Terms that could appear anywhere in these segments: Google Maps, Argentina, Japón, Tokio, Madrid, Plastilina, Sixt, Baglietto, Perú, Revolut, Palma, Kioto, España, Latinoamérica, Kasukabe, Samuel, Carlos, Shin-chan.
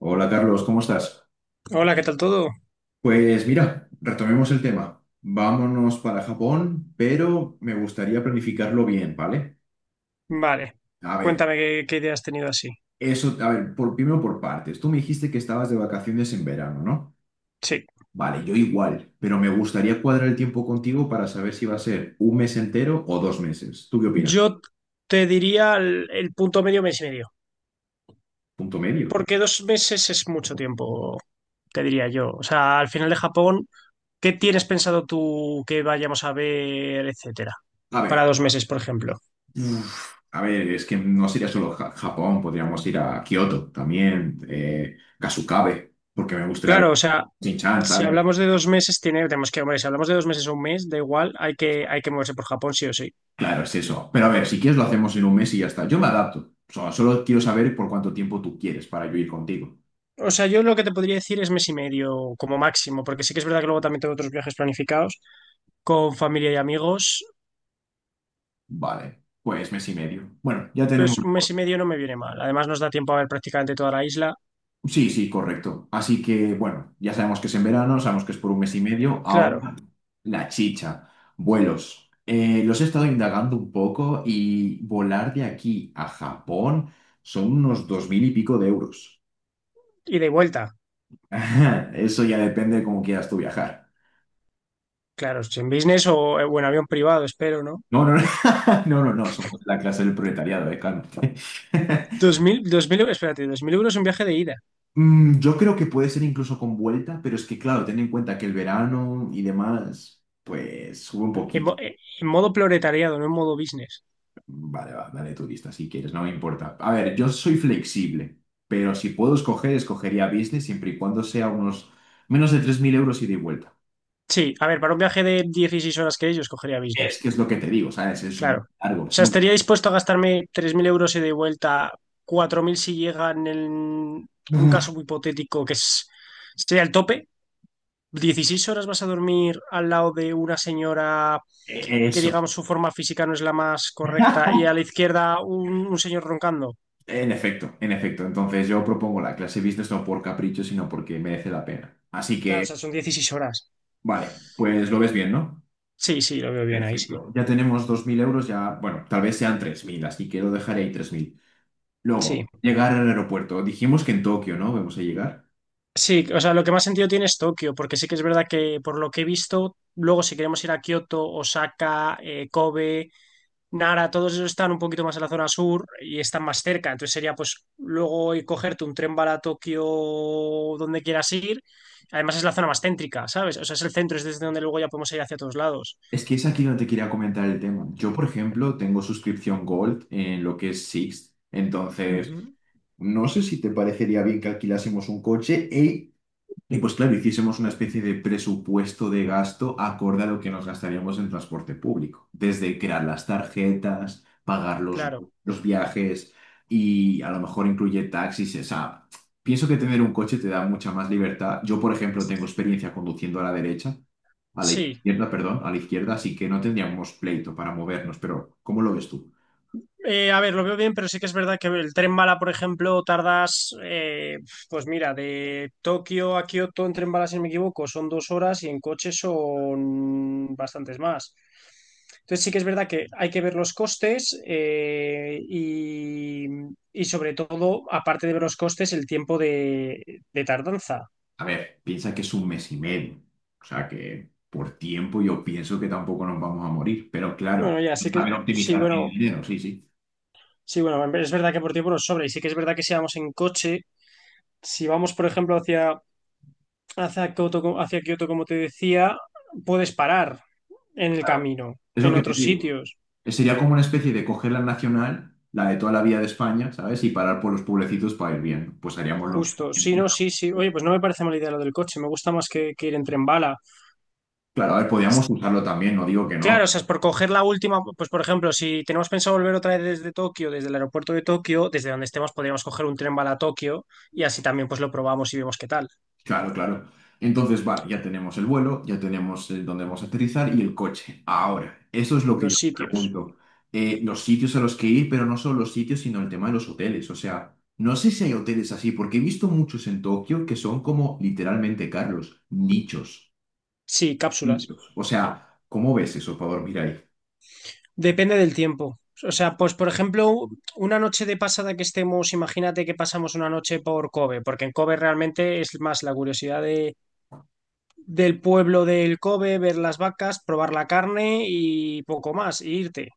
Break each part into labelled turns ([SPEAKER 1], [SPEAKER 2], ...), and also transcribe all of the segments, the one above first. [SPEAKER 1] Hola Carlos, ¿cómo estás?
[SPEAKER 2] Hola, ¿qué tal todo?
[SPEAKER 1] Pues mira, retomemos el tema. Vámonos para Japón, pero me gustaría planificarlo bien, ¿vale?
[SPEAKER 2] Vale,
[SPEAKER 1] A ver,
[SPEAKER 2] cuéntame qué idea has tenido así.
[SPEAKER 1] eso, a ver, primero por partes. Tú me dijiste que estabas de vacaciones en verano, ¿no?
[SPEAKER 2] Sí,
[SPEAKER 1] Vale, yo igual, pero me gustaría cuadrar el tiempo contigo para saber si va a ser un mes entero o 2 meses. ¿Tú qué opinas?
[SPEAKER 2] yo te diría el punto medio, mes y medio,
[SPEAKER 1] Punto medio.
[SPEAKER 2] porque dos meses es mucho tiempo, te diría yo. O sea, al final de Japón, ¿qué tienes pensado tú que vayamos a ver, etcétera?
[SPEAKER 1] A
[SPEAKER 2] Para
[SPEAKER 1] ver,
[SPEAKER 2] dos meses, por ejemplo.
[SPEAKER 1] uf, a ver, es que no sería solo Japón, podríamos ir a Kioto también, Kasukabe, porque me gustaría
[SPEAKER 2] Claro,
[SPEAKER 1] ver.
[SPEAKER 2] o sea,
[SPEAKER 1] Shin-chan,
[SPEAKER 2] si
[SPEAKER 1] ¿sabes?
[SPEAKER 2] hablamos de dos meses, tenemos que, hombre, si hablamos de dos meses o un mes, da igual, hay que moverse por Japón, sí o sí.
[SPEAKER 1] Claro, es eso. Pero a ver, si quieres lo hacemos en un mes y ya está. Yo me adapto. O sea, solo quiero saber por cuánto tiempo tú quieres para yo ir contigo.
[SPEAKER 2] O sea, yo lo que te podría decir es mes y medio como máximo, porque sí que es verdad que luego también tengo otros viajes planificados con familia y amigos,
[SPEAKER 1] Vale, pues mes y medio. Bueno, ya tenemos.
[SPEAKER 2] pues un mes y medio no me viene mal. Además, nos da tiempo a ver prácticamente toda la isla.
[SPEAKER 1] Sí, sí, correcto. Así que, bueno, ya sabemos que es en verano, sabemos que es por un mes y medio.
[SPEAKER 2] Claro,
[SPEAKER 1] Ahora, la chicha. Vuelos. Los he estado indagando un poco y volar de aquí a Japón son unos 2000 y pico de euros.
[SPEAKER 2] ida y vuelta.
[SPEAKER 1] Eso ya depende de cómo quieras tú viajar.
[SPEAKER 2] Claro, si en business o en avión privado, espero, ¿no?
[SPEAKER 1] No, no, no, no, no, no, somos la clase del proletariado, cálmate.
[SPEAKER 2] 2000, 2000, espérate, 2000 euros un viaje de ida.
[SPEAKER 1] Yo creo que puede ser incluso con vuelta, pero es que, claro, ten en cuenta que el verano y demás, pues sube un
[SPEAKER 2] En,
[SPEAKER 1] poquito.
[SPEAKER 2] mo- eh, en modo proletariado, no en modo business.
[SPEAKER 1] Vale, va, dale tu lista si quieres, no me importa. A ver, yo soy flexible, pero si puedo escoger, escogería business siempre y cuando sea unos menos de 3000 euros ida y vuelta.
[SPEAKER 2] Sí, a ver, para un viaje de 16 horas que ellos cogería business.
[SPEAKER 1] Es que es lo que te digo, ¿sabes? Es muy
[SPEAKER 2] Claro.
[SPEAKER 1] largo.
[SPEAKER 2] O sea, estaría dispuesto a gastarme 3.000 euros ida y de vuelta, 4.000 si llegan en un caso muy hipotético que es, sería el tope, 16 horas vas a dormir al lado de una señora que,
[SPEAKER 1] Eso.
[SPEAKER 2] digamos, su forma física no es la más correcta y a la izquierda un señor roncando.
[SPEAKER 1] En efecto, en efecto. Entonces yo propongo la clase business no por capricho, sino porque merece la pena. Así
[SPEAKER 2] Claro, o
[SPEAKER 1] que,
[SPEAKER 2] sea, son dieciséis horas.
[SPEAKER 1] vale, pues lo ves bien, ¿no?
[SPEAKER 2] Sí, sí, lo veo bien ahí, sí.
[SPEAKER 1] Perfecto. Ya tenemos 2000 euros, ya, bueno, tal vez sean 3000. Así que lo dejaré ahí 3000. Luego,
[SPEAKER 2] Sí,
[SPEAKER 1] llegar al aeropuerto. Dijimos que en Tokio, ¿no? Vamos a llegar.
[SPEAKER 2] sí, o sea, lo que más sentido tiene es Tokio, porque sí que es verdad que por lo que he visto, luego si queremos ir a Kioto, Osaka, Kobe, Nara, todos esos están un poquito más en la zona sur y están más cerca. Entonces sería pues luego ir cogerte un tren para Tokio donde quieras ir. Además es la zona más céntrica, ¿sabes? O sea, es el centro, es desde donde luego ya podemos ir hacia todos lados.
[SPEAKER 1] Es que es aquí donde te quería comentar el tema. Yo, por ejemplo, tengo suscripción Gold en lo que es Sixt. Entonces,
[SPEAKER 2] Ujú.
[SPEAKER 1] no sé si te parecería bien que alquilásemos un coche y pues claro, hiciésemos una especie de presupuesto de gasto acorde a lo que nos gastaríamos en transporte público, desde crear las tarjetas, pagar los,
[SPEAKER 2] Claro,
[SPEAKER 1] los viajes y a lo mejor incluye taxis. O sea, pienso que tener un coche te da mucha más libertad. Yo, por ejemplo, tengo experiencia conduciendo a la derecha, a la
[SPEAKER 2] sí.
[SPEAKER 1] izquierda, perdón, a la izquierda, así que no tendríamos pleito para movernos, pero ¿cómo lo ves tú?
[SPEAKER 2] A ver, lo veo bien, pero sí que es verdad que el tren bala, por ejemplo, tardas, pues mira, de Tokio a Kioto en tren bala, si no me equivoco, son dos horas y en coche son bastantes más. Entonces sí que es verdad que hay que ver los costes y sobre todo, aparte de ver los costes, el tiempo de tardanza.
[SPEAKER 1] A ver, piensa que es un mes y medio. O sea que por tiempo yo pienso que tampoco nos vamos a morir. Pero claro,
[SPEAKER 2] Bueno, ya, sí que
[SPEAKER 1] saber
[SPEAKER 2] sí,
[SPEAKER 1] optimizar
[SPEAKER 2] bueno,
[SPEAKER 1] el dinero, sí, sí.
[SPEAKER 2] sí, bueno, es verdad que por tiempo nos sobra y sí que es verdad que si vamos en coche, si vamos, por ejemplo, hacia hacia Kioto, como te decía, puedes parar en el camino,
[SPEAKER 1] Es lo
[SPEAKER 2] en
[SPEAKER 1] que te
[SPEAKER 2] otros
[SPEAKER 1] digo.
[SPEAKER 2] sitios.
[SPEAKER 1] Sería como una especie de coger la nacional, la de toda la vía de España, ¿sabes? Y parar por los pueblecitos para ir bien. Pues haríamos lo mismo.
[SPEAKER 2] Justo, sí, no, sí, sí. Oye, pues no me parece mala idea lo del coche, me gusta más que ir en tren bala.
[SPEAKER 1] Claro, a ver, podríamos usarlo también, no digo que
[SPEAKER 2] Claro,
[SPEAKER 1] no.
[SPEAKER 2] o sea, es por coger la última, pues por ejemplo, si tenemos pensado volver otra vez desde Tokio, desde el aeropuerto de Tokio, desde donde estemos podríamos coger un tren bala a Tokio y así también pues lo probamos y vemos qué tal,
[SPEAKER 1] Claro, claro. Entonces, vale, ya tenemos el vuelo, ya tenemos el dónde vamos a aterrizar y el coche. Ahora, eso es lo que yo
[SPEAKER 2] los
[SPEAKER 1] me
[SPEAKER 2] sitios.
[SPEAKER 1] pregunto. Los sitios a los que ir, pero no solo los sitios, sino el tema de los hoteles. O sea, no sé si hay hoteles así, porque he visto muchos en Tokio que son como literalmente, Carlos, nichos.
[SPEAKER 2] Sí, cápsulas.
[SPEAKER 1] Nichos. O sea, ¿cómo ves eso para dormir ahí?
[SPEAKER 2] Depende del tiempo. O sea, pues por ejemplo, una noche de pasada que estemos, imagínate que pasamos una noche por Kobe, porque en Kobe realmente es más la curiosidad del pueblo del Kobe, ver las vacas, probar la carne y poco más, e irte.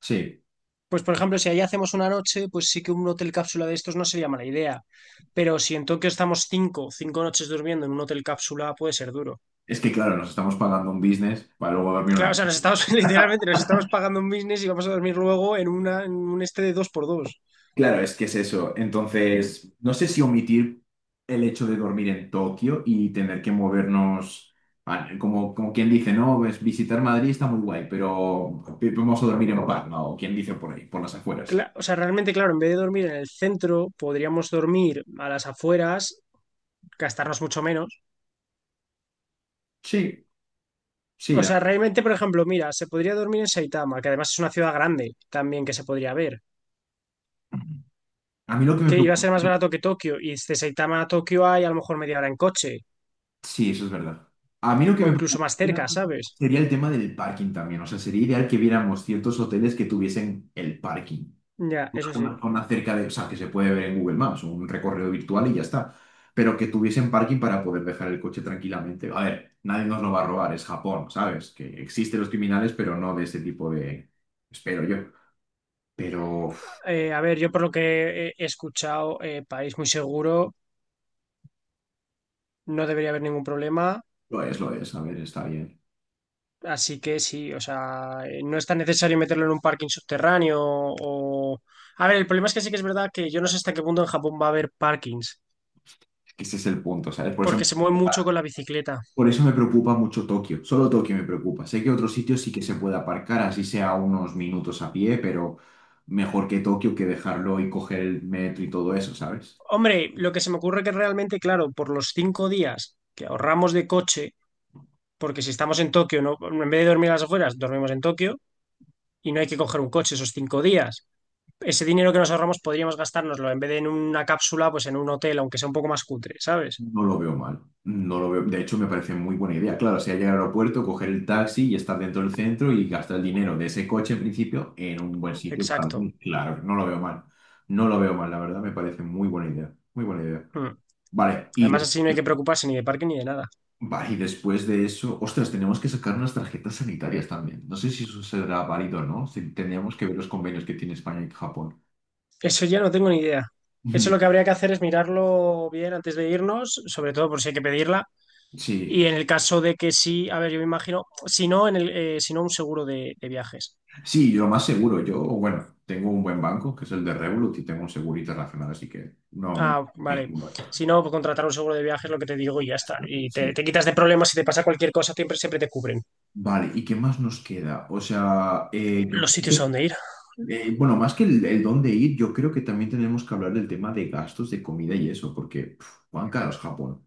[SPEAKER 1] Sí.
[SPEAKER 2] Pues por ejemplo, si allí hacemos una noche, pues sí que un hotel cápsula de estos no sería mala idea. Pero si en Tokio estamos cinco noches durmiendo en un hotel cápsula, puede ser duro.
[SPEAKER 1] Es que, claro, nos estamos pagando un business para luego dormir. Una
[SPEAKER 2] Claro, o sea, nos estamos, literalmente, nos estamos pagando un business y vamos a dormir luego en una, en un este de dos por dos.
[SPEAKER 1] Claro, es que es eso. Entonces, no sé si omitir el hecho de dormir en Tokio y tener que movernos, ah, como quien dice, no, pues visitar Madrid está muy guay, pero vamos a dormir en Palma o quien dice por ahí, por las afueras.
[SPEAKER 2] O sea, realmente, claro, en vez de dormir en el centro, podríamos dormir a las afueras, gastarnos mucho menos.
[SPEAKER 1] Sí, sí.
[SPEAKER 2] O
[SPEAKER 1] la
[SPEAKER 2] sea, realmente, por ejemplo, mira, se podría dormir en Saitama, que además es una ciudad grande también que se podría ver,
[SPEAKER 1] A mí lo que me
[SPEAKER 2] que iba a
[SPEAKER 1] preocupa,
[SPEAKER 2] ser más barato que Tokio, y de Saitama a Tokio hay a lo mejor media hora en coche,
[SPEAKER 1] sí, eso es verdad. A mí lo que
[SPEAKER 2] o
[SPEAKER 1] me
[SPEAKER 2] incluso
[SPEAKER 1] preocupa
[SPEAKER 2] más cerca, ¿sabes?
[SPEAKER 1] sería el tema del parking también. O sea, sería ideal que viéramos ciertos hoteles que tuviesen el parking,
[SPEAKER 2] Ya, eso sí.
[SPEAKER 1] una zona cerca de, o sea, que se puede ver en Google Maps, un recorrido virtual y ya está, pero que tuviesen parking para poder dejar el coche tranquilamente. A ver, nadie nos lo va a robar, es Japón, ¿sabes? Que existen los criminales, pero no de ese tipo de, espero yo. Pero uf,
[SPEAKER 2] A ver, yo por lo que he escuchado, país muy seguro, no debería haber ningún problema.
[SPEAKER 1] lo es, a ver, está bien.
[SPEAKER 2] Así que sí, o sea, no es tan necesario meterlo en un parking subterráneo o... A ver, el problema es que sí que es verdad que yo no sé hasta qué punto en Japón va a haber parkings,
[SPEAKER 1] Es que ese es el punto, ¿sabes? Por eso me
[SPEAKER 2] porque se mueve mucho
[SPEAKER 1] preocupa,
[SPEAKER 2] con la bicicleta.
[SPEAKER 1] por eso me preocupa mucho Tokio, solo Tokio me preocupa. Sé que otros sitios sí que se puede aparcar, así sea unos minutos a pie, pero mejor que Tokio que dejarlo y coger el metro y todo eso, ¿sabes?
[SPEAKER 2] Hombre, lo que se me ocurre que realmente, claro, por los cinco días que ahorramos de coche, porque si estamos en Tokio, ¿no? En vez de dormir a las afueras, dormimos en Tokio y no hay que coger un coche esos cinco días. Ese dinero que nos ahorramos podríamos gastárnoslo en vez de en una cápsula, pues en un hotel, aunque sea un poco más cutre, ¿sabes?
[SPEAKER 1] No lo veo mal. No lo veo. De hecho, me parece muy buena idea. Claro, si hay llegar al aeropuerto, coger el taxi y estar dentro del centro y gastar el dinero de ese coche en principio en un buen sitio para
[SPEAKER 2] Exacto.
[SPEAKER 1] dormir. Claro, no lo veo mal. No lo veo mal, la verdad, me parece muy buena idea. Muy buena idea.
[SPEAKER 2] Hmm.
[SPEAKER 1] Vale, y
[SPEAKER 2] Además, así no hay
[SPEAKER 1] después,
[SPEAKER 2] que preocuparse ni de parque ni de nada.
[SPEAKER 1] vale, y después de eso, ostras, tenemos que sacar unas tarjetas sanitarias también. No sé si eso será válido o no. Si tendríamos que ver los convenios que tiene España y Japón.
[SPEAKER 2] Eso ya no tengo ni idea. Eso lo que
[SPEAKER 1] Ni-
[SPEAKER 2] habría que hacer es mirarlo bien antes de irnos, sobre todo por si hay que pedirla.
[SPEAKER 1] Sí,
[SPEAKER 2] Y en el caso de que sí, a ver, yo me imagino, si no, si no un seguro de viajes.
[SPEAKER 1] sí, yo más seguro. Yo, bueno, tengo un buen banco, que es el de Revolut, y tengo un seguro internacional, así que no me...
[SPEAKER 2] Ah,
[SPEAKER 1] me
[SPEAKER 2] vale.
[SPEAKER 1] culo.
[SPEAKER 2] Si no, pues contratar un seguro de viajes, lo que te digo, y ya está. Y te,
[SPEAKER 1] Sí.
[SPEAKER 2] te quitas de problemas, si te pasa cualquier cosa, siempre, siempre te cubren
[SPEAKER 1] Vale, ¿y qué más nos queda? O sea,
[SPEAKER 2] los sitios a donde ir.
[SPEAKER 1] bueno, más que el dónde ir, yo creo que también tenemos que hablar del tema de gastos de comida y eso, porque, puf, cuán caro es Japón.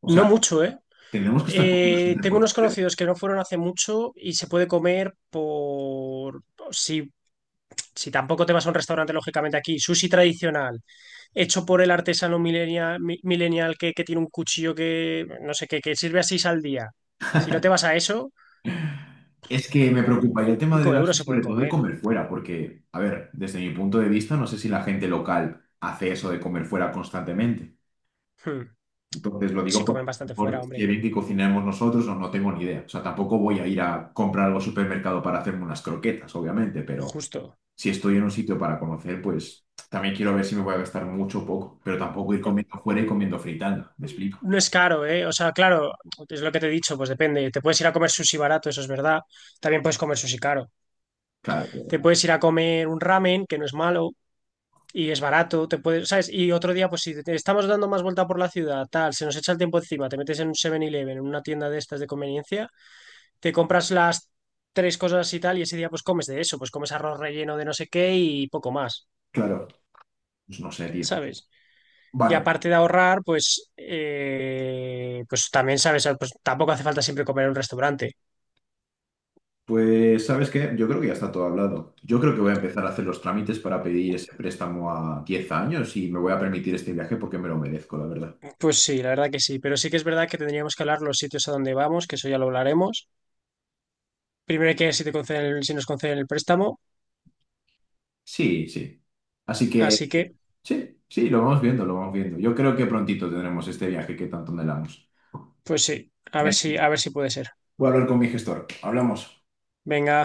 [SPEAKER 1] O
[SPEAKER 2] No
[SPEAKER 1] sea,
[SPEAKER 2] mucho, ¿eh?
[SPEAKER 1] tenemos que estar comiendo
[SPEAKER 2] Eh,
[SPEAKER 1] siempre
[SPEAKER 2] tengo
[SPEAKER 1] por
[SPEAKER 2] unos
[SPEAKER 1] fuera.
[SPEAKER 2] conocidos que no fueron hace mucho y se puede comer por... Si si tampoco te vas a un restaurante, lógicamente aquí, sushi tradicional, hecho por el artesano millennial, millennial que tiene un cuchillo que, no sé, qué que sirve a seis al día. Si no te vas a eso,
[SPEAKER 1] Es que me preocuparía el tema del
[SPEAKER 2] cinco
[SPEAKER 1] gasto
[SPEAKER 2] euros
[SPEAKER 1] y
[SPEAKER 2] se puede
[SPEAKER 1] sobre todo de
[SPEAKER 2] comer.
[SPEAKER 1] comer fuera, porque, a ver, desde mi punto de vista, no sé si la gente local hace eso de comer fuera constantemente.
[SPEAKER 2] Hmm.
[SPEAKER 1] Entonces lo digo
[SPEAKER 2] Si
[SPEAKER 1] por
[SPEAKER 2] comen bastante fuera,
[SPEAKER 1] por, si
[SPEAKER 2] hombre.
[SPEAKER 1] bien que cocinamos nosotros, no, no tengo ni idea. O sea, tampoco voy a ir a comprar algo al supermercado para hacerme unas croquetas, obviamente, pero
[SPEAKER 2] Justo.
[SPEAKER 1] si estoy en un sitio para conocer, pues también quiero ver si me voy a gastar mucho o poco, pero tampoco ir comiendo fuera y comiendo fritanga, ¿me explico?
[SPEAKER 2] No es caro, ¿eh? O sea, claro, es lo que te he dicho, pues depende. Te puedes ir a comer sushi barato, eso es verdad. También puedes comer sushi caro. Te
[SPEAKER 1] Claro,
[SPEAKER 2] puedes ir a comer un ramen, que no es malo. Y es barato, te puedes, ¿sabes? Y otro día, pues si te- estamos dando más vuelta por la ciudad, tal, se nos echa el tiempo encima, te metes en un Seven eleven en una tienda de estas de conveniencia, te compras las tres cosas y tal, y ese día pues comes de eso, pues comes arroz relleno de no sé qué y poco más,
[SPEAKER 1] claro, pues no sé, tío.
[SPEAKER 2] ¿sabes? Y
[SPEAKER 1] Vale,
[SPEAKER 2] aparte de ahorrar, pues, pues también, ¿sabes? Pues tampoco hace falta siempre comer en un restaurante.
[SPEAKER 1] pues, ¿sabes qué? Yo creo que ya está todo hablado. Yo creo que voy a empezar a hacer los trámites para pedir ese préstamo a 10 años y me voy a permitir este viaje porque me lo merezco, la verdad.
[SPEAKER 2] Pues sí, la verdad que sí, pero sí que es verdad que tendríamos que hablar los sitios a donde vamos, que eso ya lo hablaremos. Primero hay que ver si te conceden, si nos conceden el préstamo,
[SPEAKER 1] Sí, sí. Así que,
[SPEAKER 2] así que...
[SPEAKER 1] sí, sí, lo vamos viendo, lo vamos viendo. Yo creo que prontito tendremos este viaje que tanto anhelamos.
[SPEAKER 2] Pues sí, a
[SPEAKER 1] Venga,
[SPEAKER 2] ver si puede ser.
[SPEAKER 1] voy a hablar con mi gestor. Hablamos.
[SPEAKER 2] Venga.